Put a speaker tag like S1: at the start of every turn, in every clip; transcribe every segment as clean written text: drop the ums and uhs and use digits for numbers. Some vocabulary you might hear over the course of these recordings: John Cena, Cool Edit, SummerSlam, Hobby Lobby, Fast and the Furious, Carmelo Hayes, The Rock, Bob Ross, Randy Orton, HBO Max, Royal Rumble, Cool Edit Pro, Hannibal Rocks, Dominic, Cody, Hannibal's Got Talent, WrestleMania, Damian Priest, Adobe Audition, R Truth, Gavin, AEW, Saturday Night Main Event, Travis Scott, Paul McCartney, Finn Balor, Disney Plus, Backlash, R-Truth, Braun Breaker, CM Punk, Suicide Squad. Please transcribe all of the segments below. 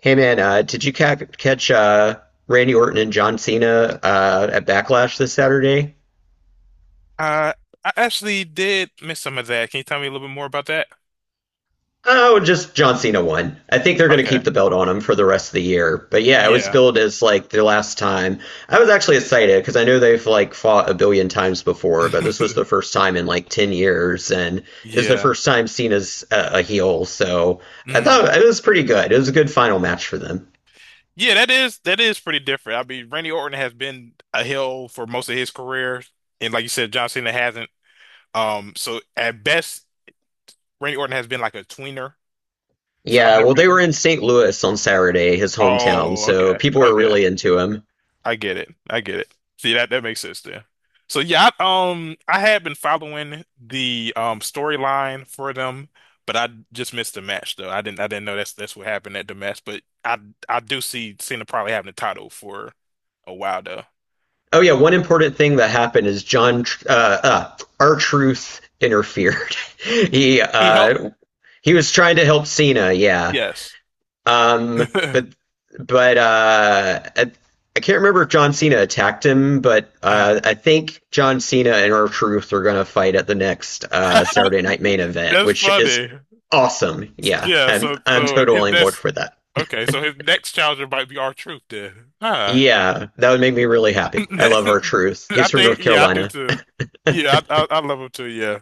S1: Hey man, did you ca catch Randy Orton and John Cena at Backlash this Saturday?
S2: Uh, I actually did miss some of that. Can you tell me a little bit more about that?
S1: Oh, just John Cena won. I think they're going to keep
S2: Okay.
S1: the belt on him for the rest of the year. But yeah, it was
S2: Yeah.
S1: billed as like the last time. I was actually excited because I know they've like fought a billion times before, but this was the first time in like 10 years, and it was the
S2: Yeah.
S1: first time Cena's a heel. So I
S2: Mm.
S1: thought it was pretty good. It was a good final match for them.
S2: Yeah, that is pretty different. I mean, Randy Orton has been a heel for most of his career, and like you said, John Cena hasn't. So at best, Randy Orton has been like a tweener. So I've
S1: Yeah, well, they were
S2: never.
S1: in St. Louis on Saturday, his hometown,
S2: Oh,
S1: so people were
S2: okay.
S1: really into him.
S2: I get it. I get it. See that makes sense there. So yeah, I had been following the storyline for them, but I just missed the match though. I didn't know that's what happened at the match. But I do see Cena probably having the title for a while though.
S1: Oh yeah, one important thing that happened is John Truth interfered. he
S2: He helped.
S1: uh he was trying to help Cena, yeah.
S2: Yes.
S1: But but uh at, I can't remember if John Cena attacked him, but
S2: Mm.
S1: I think John Cena and R Truth are going to fight at the next Saturday Night Main Event,
S2: That's
S1: which is
S2: funny.
S1: awesome. Yeah,
S2: Yeah.
S1: I'm
S2: So
S1: I'm
S2: so his
S1: totally on board
S2: next
S1: for that.
S2: okay. So his next challenger might be our truth then. Huh.
S1: Yeah, that would make me really happy. I love R Truth.
S2: I
S1: He's from
S2: think,
S1: North
S2: yeah, I do
S1: Carolina.
S2: too. Yeah, I love him too. Yeah,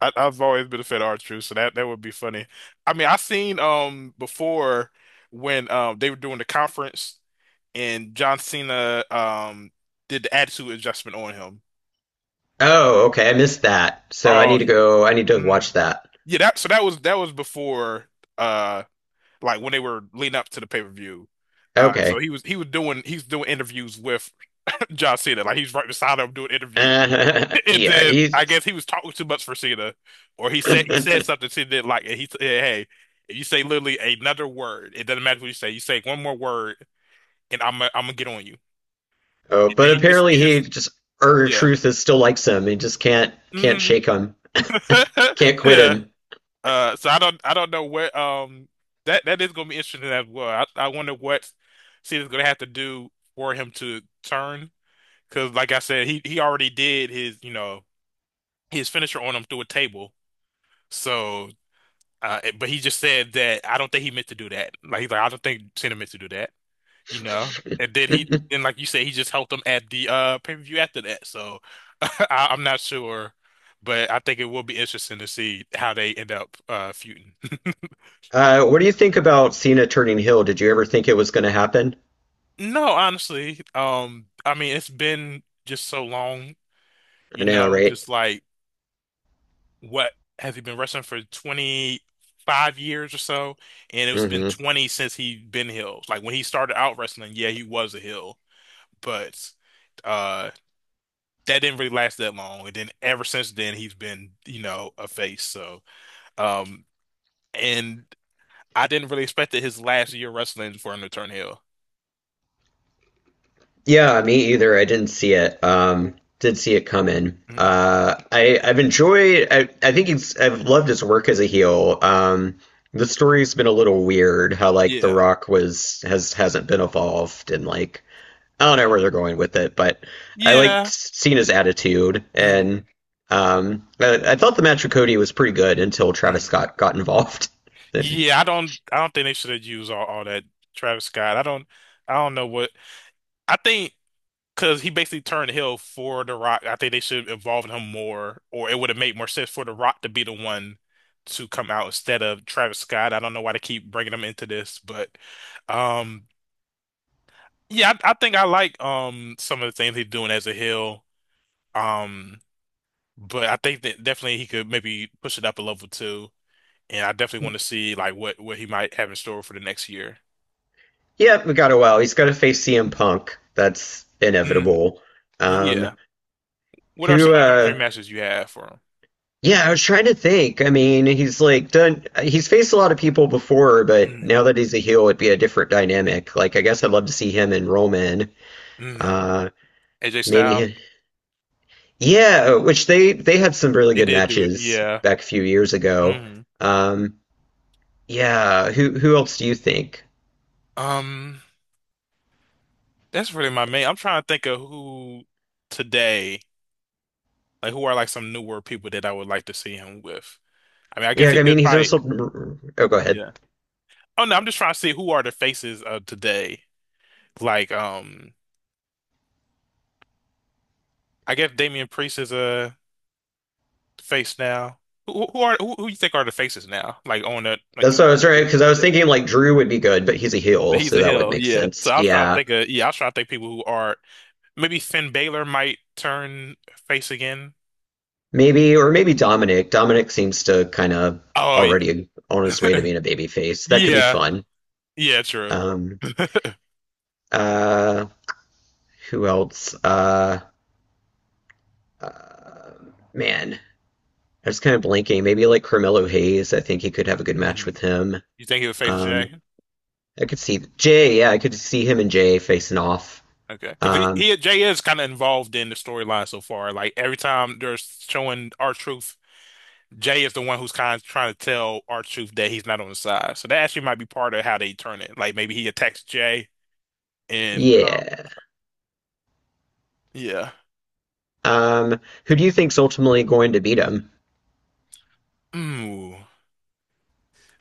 S2: I've always been a fan of R-Truth, so that would be funny. I mean, I seen before when they were doing the conference and John Cena did the attitude adjustment on him.
S1: Oh, okay, I missed that. So
S2: Oh yeah.
S1: I need to watch
S2: Mhm.
S1: that.
S2: Yeah, that was before uh like when they were leading up to the pay-per-view.
S1: Okay.
S2: He's doing interviews with John Cena. Like he's right beside him doing interviews. And
S1: Yeah,
S2: then I
S1: he's.
S2: guess he was talking too much for Cena, or he said something Cena didn't like, and he said, "Hey, if you say literally another word, it doesn't matter what you say. You say one more word, and I'm gonna get on you."
S1: Oh, but
S2: And he
S1: apparently he
S2: just
S1: just Urger
S2: yeah
S1: Truth is still likes him. He just can't
S2: mm.
S1: shake him. Can't quit
S2: yeah.
S1: him.
S2: So I don't know what that is gonna be interesting as well. I wonder what Cena's gonna have to do for him to turn, because like I said, he already did his his finisher on him through a table. So But he just said that I don't think he meant to do that. Like he's like, I don't think Cena meant to do that, you know. And then he, and like you said, he just helped him at the pay-per-view after that. So I'm not sure, but I think it will be interesting to see how they end up feuding.
S1: What do you think about Cena turning heel? Did you ever think it was going to happen?
S2: No, honestly, I mean, it's been just so long,
S1: I
S2: you
S1: know,
S2: know,
S1: right?
S2: just like what has he been wrestling for 25 years or so? And it's been
S1: Mm-hmm.
S2: 20 since he been heels. Like when he started out wrestling, yeah, he was a heel. But uh that didn't really last that long. And then ever since then he's been, you know, a face. So um and I didn't really expect that his last year wrestling for him to turn heel.
S1: Yeah, me either. I didn't see it. Did see it coming.
S2: Mm-mm.
S1: I think it's. I've loved his work as a heel. The story's been a little weird. How like The
S2: Yeah.
S1: Rock was has hasn't been evolved, and like I don't know where they're going with it. But I liked
S2: Yeah.
S1: seeing his attitude,
S2: Mm.
S1: and I thought the match with Cody was pretty good until Travis
S2: Mm.
S1: Scott got involved. Then
S2: Yeah, I don't think they should have used all that Travis Scott. I don't know what I think, because he basically turned Hill for The Rock. I think they should involve him more, or it would have made more sense for The Rock to be the one to come out instead of Travis Scott. I don't know why they keep bringing him into this, but um, yeah, I think I like some of the things he's doing as a Hill. Um, but I think that definitely he could maybe push it up a level too, and I definitely want to see like what he might have in store for the next year.
S1: yeah, we got a while. He's got to face CM Punk. That's
S2: Mm,
S1: inevitable. Um,
S2: yeah. What are some
S1: who
S2: other dream matches you have for
S1: yeah, I was trying to think. I mean, he's like done he's faced a lot of people before, but
S2: him?
S1: now that he's a heel it'd be a different dynamic. Like I guess I'd love to see him and Roman.
S2: Mm, mm.
S1: Uh
S2: AJ Styles.
S1: maybe yeah, which they had some really
S2: They
S1: good
S2: did do it.
S1: matches
S2: Yeah.
S1: back a few years ago.
S2: hmm
S1: Um yeah, who else do you think?
S2: Um, that's really my main. I'm trying to think of who today, like who are like some newer people that I would like to see him with. I mean, I
S1: Yeah,
S2: guess he
S1: I
S2: could
S1: mean, he's
S2: fight.
S1: also oh, go ahead.
S2: Yeah. Oh no, I'm just trying to see who are the faces of today. Like, I guess Damian Priest is a face now. Who you think are the faces now? Like on the like
S1: That's
S2: you.
S1: what I was right because I was
S2: Yeah.
S1: thinking like Drew would be good, but he's a heel,
S2: He's
S1: so
S2: a
S1: that would
S2: heel.
S1: make
S2: Yeah.
S1: sense. Yeah.
S2: I was trying to think people who are maybe Finn Balor might turn face again.
S1: Maybe, or maybe Dominic. Dominic seems to kind of
S2: Oh,
S1: already on his way to being a babyface. That could be
S2: Yeah,
S1: fun.
S2: yeah, true.
S1: Um, uh, who else? Uh, man, I was kind of blanking. Maybe like Carmelo Hayes. I think he could have a good match
S2: Mhm.
S1: with him.
S2: You think he'll face
S1: Um,
S2: Jay?
S1: I could see Jay. Yeah, I could see him and Jay facing off.
S2: Okay, because
S1: Um,
S2: he Jay is kind of involved in the storyline so far. Like every time they're showing R-Truth, Jay is the one who's kind of trying to tell R-Truth that he's not on his side. So that actually might be part of how they turn it. Like maybe he attacks Jay, and
S1: yeah.
S2: yeah,
S1: Um, who do you think's ultimately going to beat him?
S2: Ooh,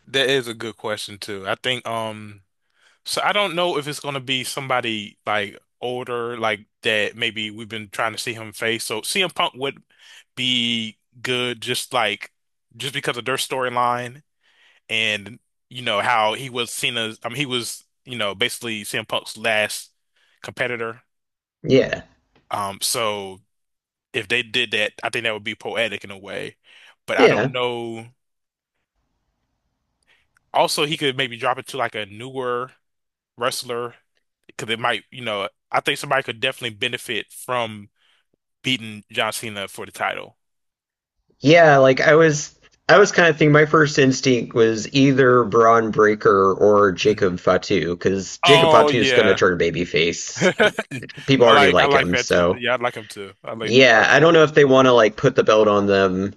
S2: that is a good question too. I think So I don't know if it's gonna be somebody like older, like that maybe we've been trying to see him face. So CM Punk would be good just because of their storyline and you know how he was Cena's I mean he was, you know, basically CM Punk's last competitor.
S1: Yeah.
S2: So if they did that, I think that would be poetic in a way. But I
S1: Yeah.
S2: don't know. Also he could maybe drop it to like a newer wrestler because it might, you know, I think somebody could definitely benefit from beating John Cena for the title.
S1: Yeah, I was kind of thinking my first instinct was either Braun Breaker or
S2: Mhm.
S1: Jacob Fatu, because Jacob
S2: Oh
S1: Fatu is going to
S2: yeah,
S1: turn babyface.
S2: I
S1: People already
S2: like I
S1: like
S2: like
S1: him,
S2: that too.
S1: so
S2: Yeah, I like him too. I like I
S1: yeah,
S2: like
S1: I
S2: that.
S1: don't know if they want to like put the belt on them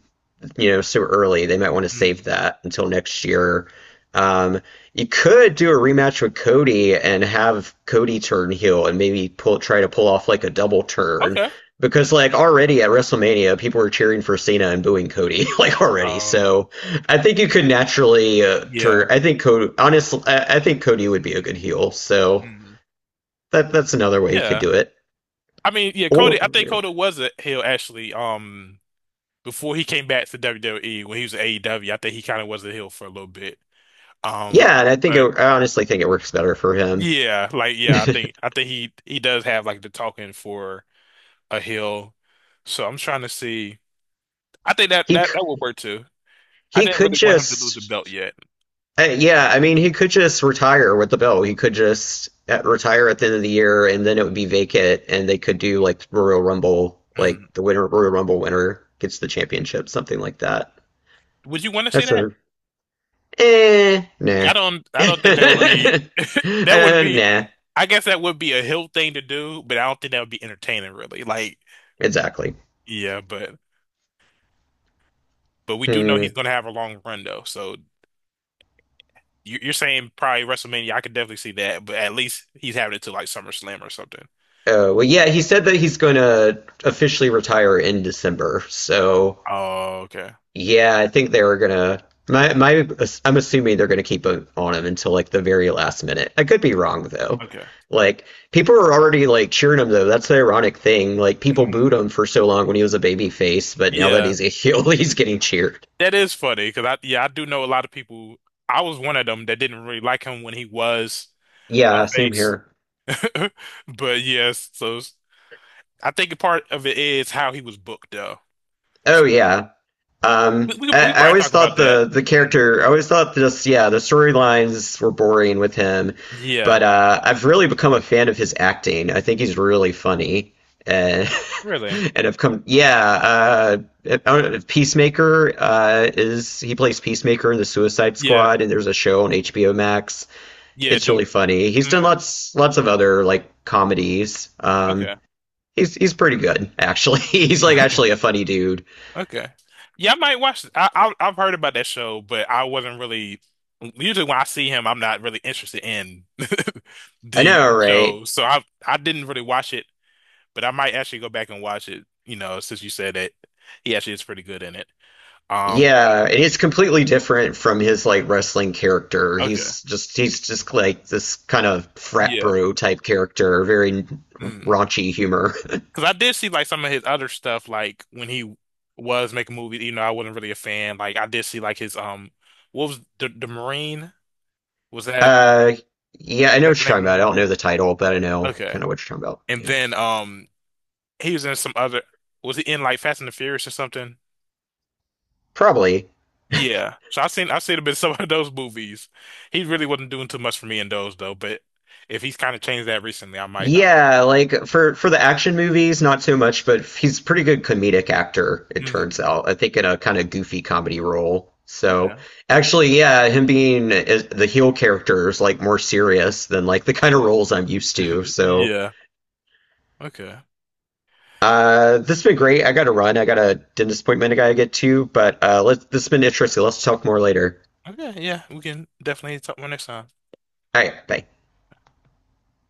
S1: you know, so early. They might want to save
S2: Mm.
S1: that until next year. Um, you could do a rematch with Cody and have Cody turn heel and maybe pull try to pull off like a double turn
S2: Okay.
S1: because like already at WrestleMania people were cheering for Cena and booing Cody like already.
S2: Oh
S1: So I think you could naturally turn.
S2: yeah.
S1: I think Cody honestly I think Cody would be a good heel. So
S2: Mm.
S1: that that's another way you could
S2: Yeah.
S1: do it.
S2: I mean, yeah,
S1: Or
S2: Cody. I think Cody was a heel actually. Before he came back to WWE when he was at AEW, I think he kind of was a heel for a little bit. Um,
S1: yeah, and I think
S2: but
S1: it, I honestly think it works better for him.
S2: yeah, like yeah, I think I think he does have like the talking for a hill. So I'm trying to see. I think that
S1: He
S2: that that would work too. I
S1: He
S2: didn't
S1: could
S2: really want him to lose the belt
S1: just,
S2: yet.
S1: yeah, I mean, he could just retire with the belt. He could just retire at the end of the year, and then it would be vacant, and they could do like Royal Rumble,
S2: Mm.
S1: like Royal Rumble winner gets the championship, something like that.
S2: Would you want to see
S1: That's
S2: that?
S1: a,
S2: Yeah,
S1: nah.
S2: I don't think that would be that would be
S1: Nah,
S2: I guess that would be a hill thing to do, but I don't think that would be entertaining really. Like
S1: exactly.
S2: yeah, but we do know
S1: Hmm.
S2: he's gonna have a long run though. So you, you're saying probably WrestleMania. I could definitely see that, but at least he's having it to like SummerSlam or something.
S1: Oh, well, yeah, he said that he's going to officially retire in December, so
S2: Oh, okay.
S1: yeah, I think they were gonna. My, I'm assuming they're gonna keep it on him until like the very last minute. I could be wrong though.
S2: Okay.
S1: Like people were already like cheering him though. That's the ironic thing. Like people booed him for so long when he was a baby face, but now that
S2: Yeah,
S1: he's a heel, he's getting cheered.
S2: that is funny because I do know a lot of people. I was one of them that didn't really like him when he was a
S1: Yeah, same
S2: face.
S1: here.
S2: But yes, I think a part of it is how he was booked though.
S1: Oh
S2: S-
S1: yeah.
S2: We
S1: Um, I,
S2: we could
S1: I
S2: probably
S1: always
S2: talk about
S1: thought
S2: that.
S1: the
S2: Mm.
S1: character. I always thought this. Yeah, the storylines were boring with him,
S2: Yeah,
S1: but I've really become a fan of his acting. I think he's really funny, and
S2: really.
S1: and I've come. Yeah, I don't know, Peacemaker is he plays Peacemaker in the Suicide
S2: Yeah,
S1: Squad, and there's a show on HBO Max.
S2: yeah.
S1: It's
S2: Doom.
S1: really funny. He's done
S2: Mm.
S1: lots of other like comedies.
S2: Okay.
S1: He's pretty good actually. he's like actually a funny dude.
S2: Okay. Yeah, I might watch. It. I've heard about that show, but I wasn't really. Usually, when I see him, I'm not really interested in
S1: I
S2: the
S1: know, right?
S2: show, so I didn't really watch it. But I might actually go back and watch it. You know, since you said that he actually is pretty good in it. Um. but-
S1: Yeah, and it's completely different from his like wrestling character.
S2: Okay.
S1: He's just like this kind of frat
S2: Yeah.
S1: bro type character, very
S2: Mm.
S1: raunchy humor.
S2: Because I did see like some of his other stuff, like when he was making movies. You know, I wasn't really a fan. Like I did see like his what was the Marine? Was
S1: Uh, yeah, I know
S2: that
S1: what
S2: the
S1: you're
S2: name of
S1: talking
S2: the
S1: about. I don't
S2: movie?
S1: know the title, but I know
S2: Okay.
S1: kind of what you're talking about.
S2: And
S1: Yeah,
S2: then he was in some other was he in like Fast and the Furious or something?
S1: probably.
S2: Yeah. So I've seen a bit of some of those movies. He really wasn't doing too much for me in those though, but if he's kind of changed that recently,
S1: Yeah, like for the action movies, not so much, but he's a pretty good comedic actor, it turns
S2: mm,
S1: out. I think in a kind of goofy comedy role. So
S2: okay.
S1: actually, yeah, the heel character is like more serious than like the kind of roles I'm used to. So
S2: Yeah. Okay.
S1: this has been great. I gotta run. I got a dentist appointment I gotta get to, but let's this has been interesting. Let's talk more later.
S2: Okay, yeah, we can definitely talk more next time.
S1: All right, bye.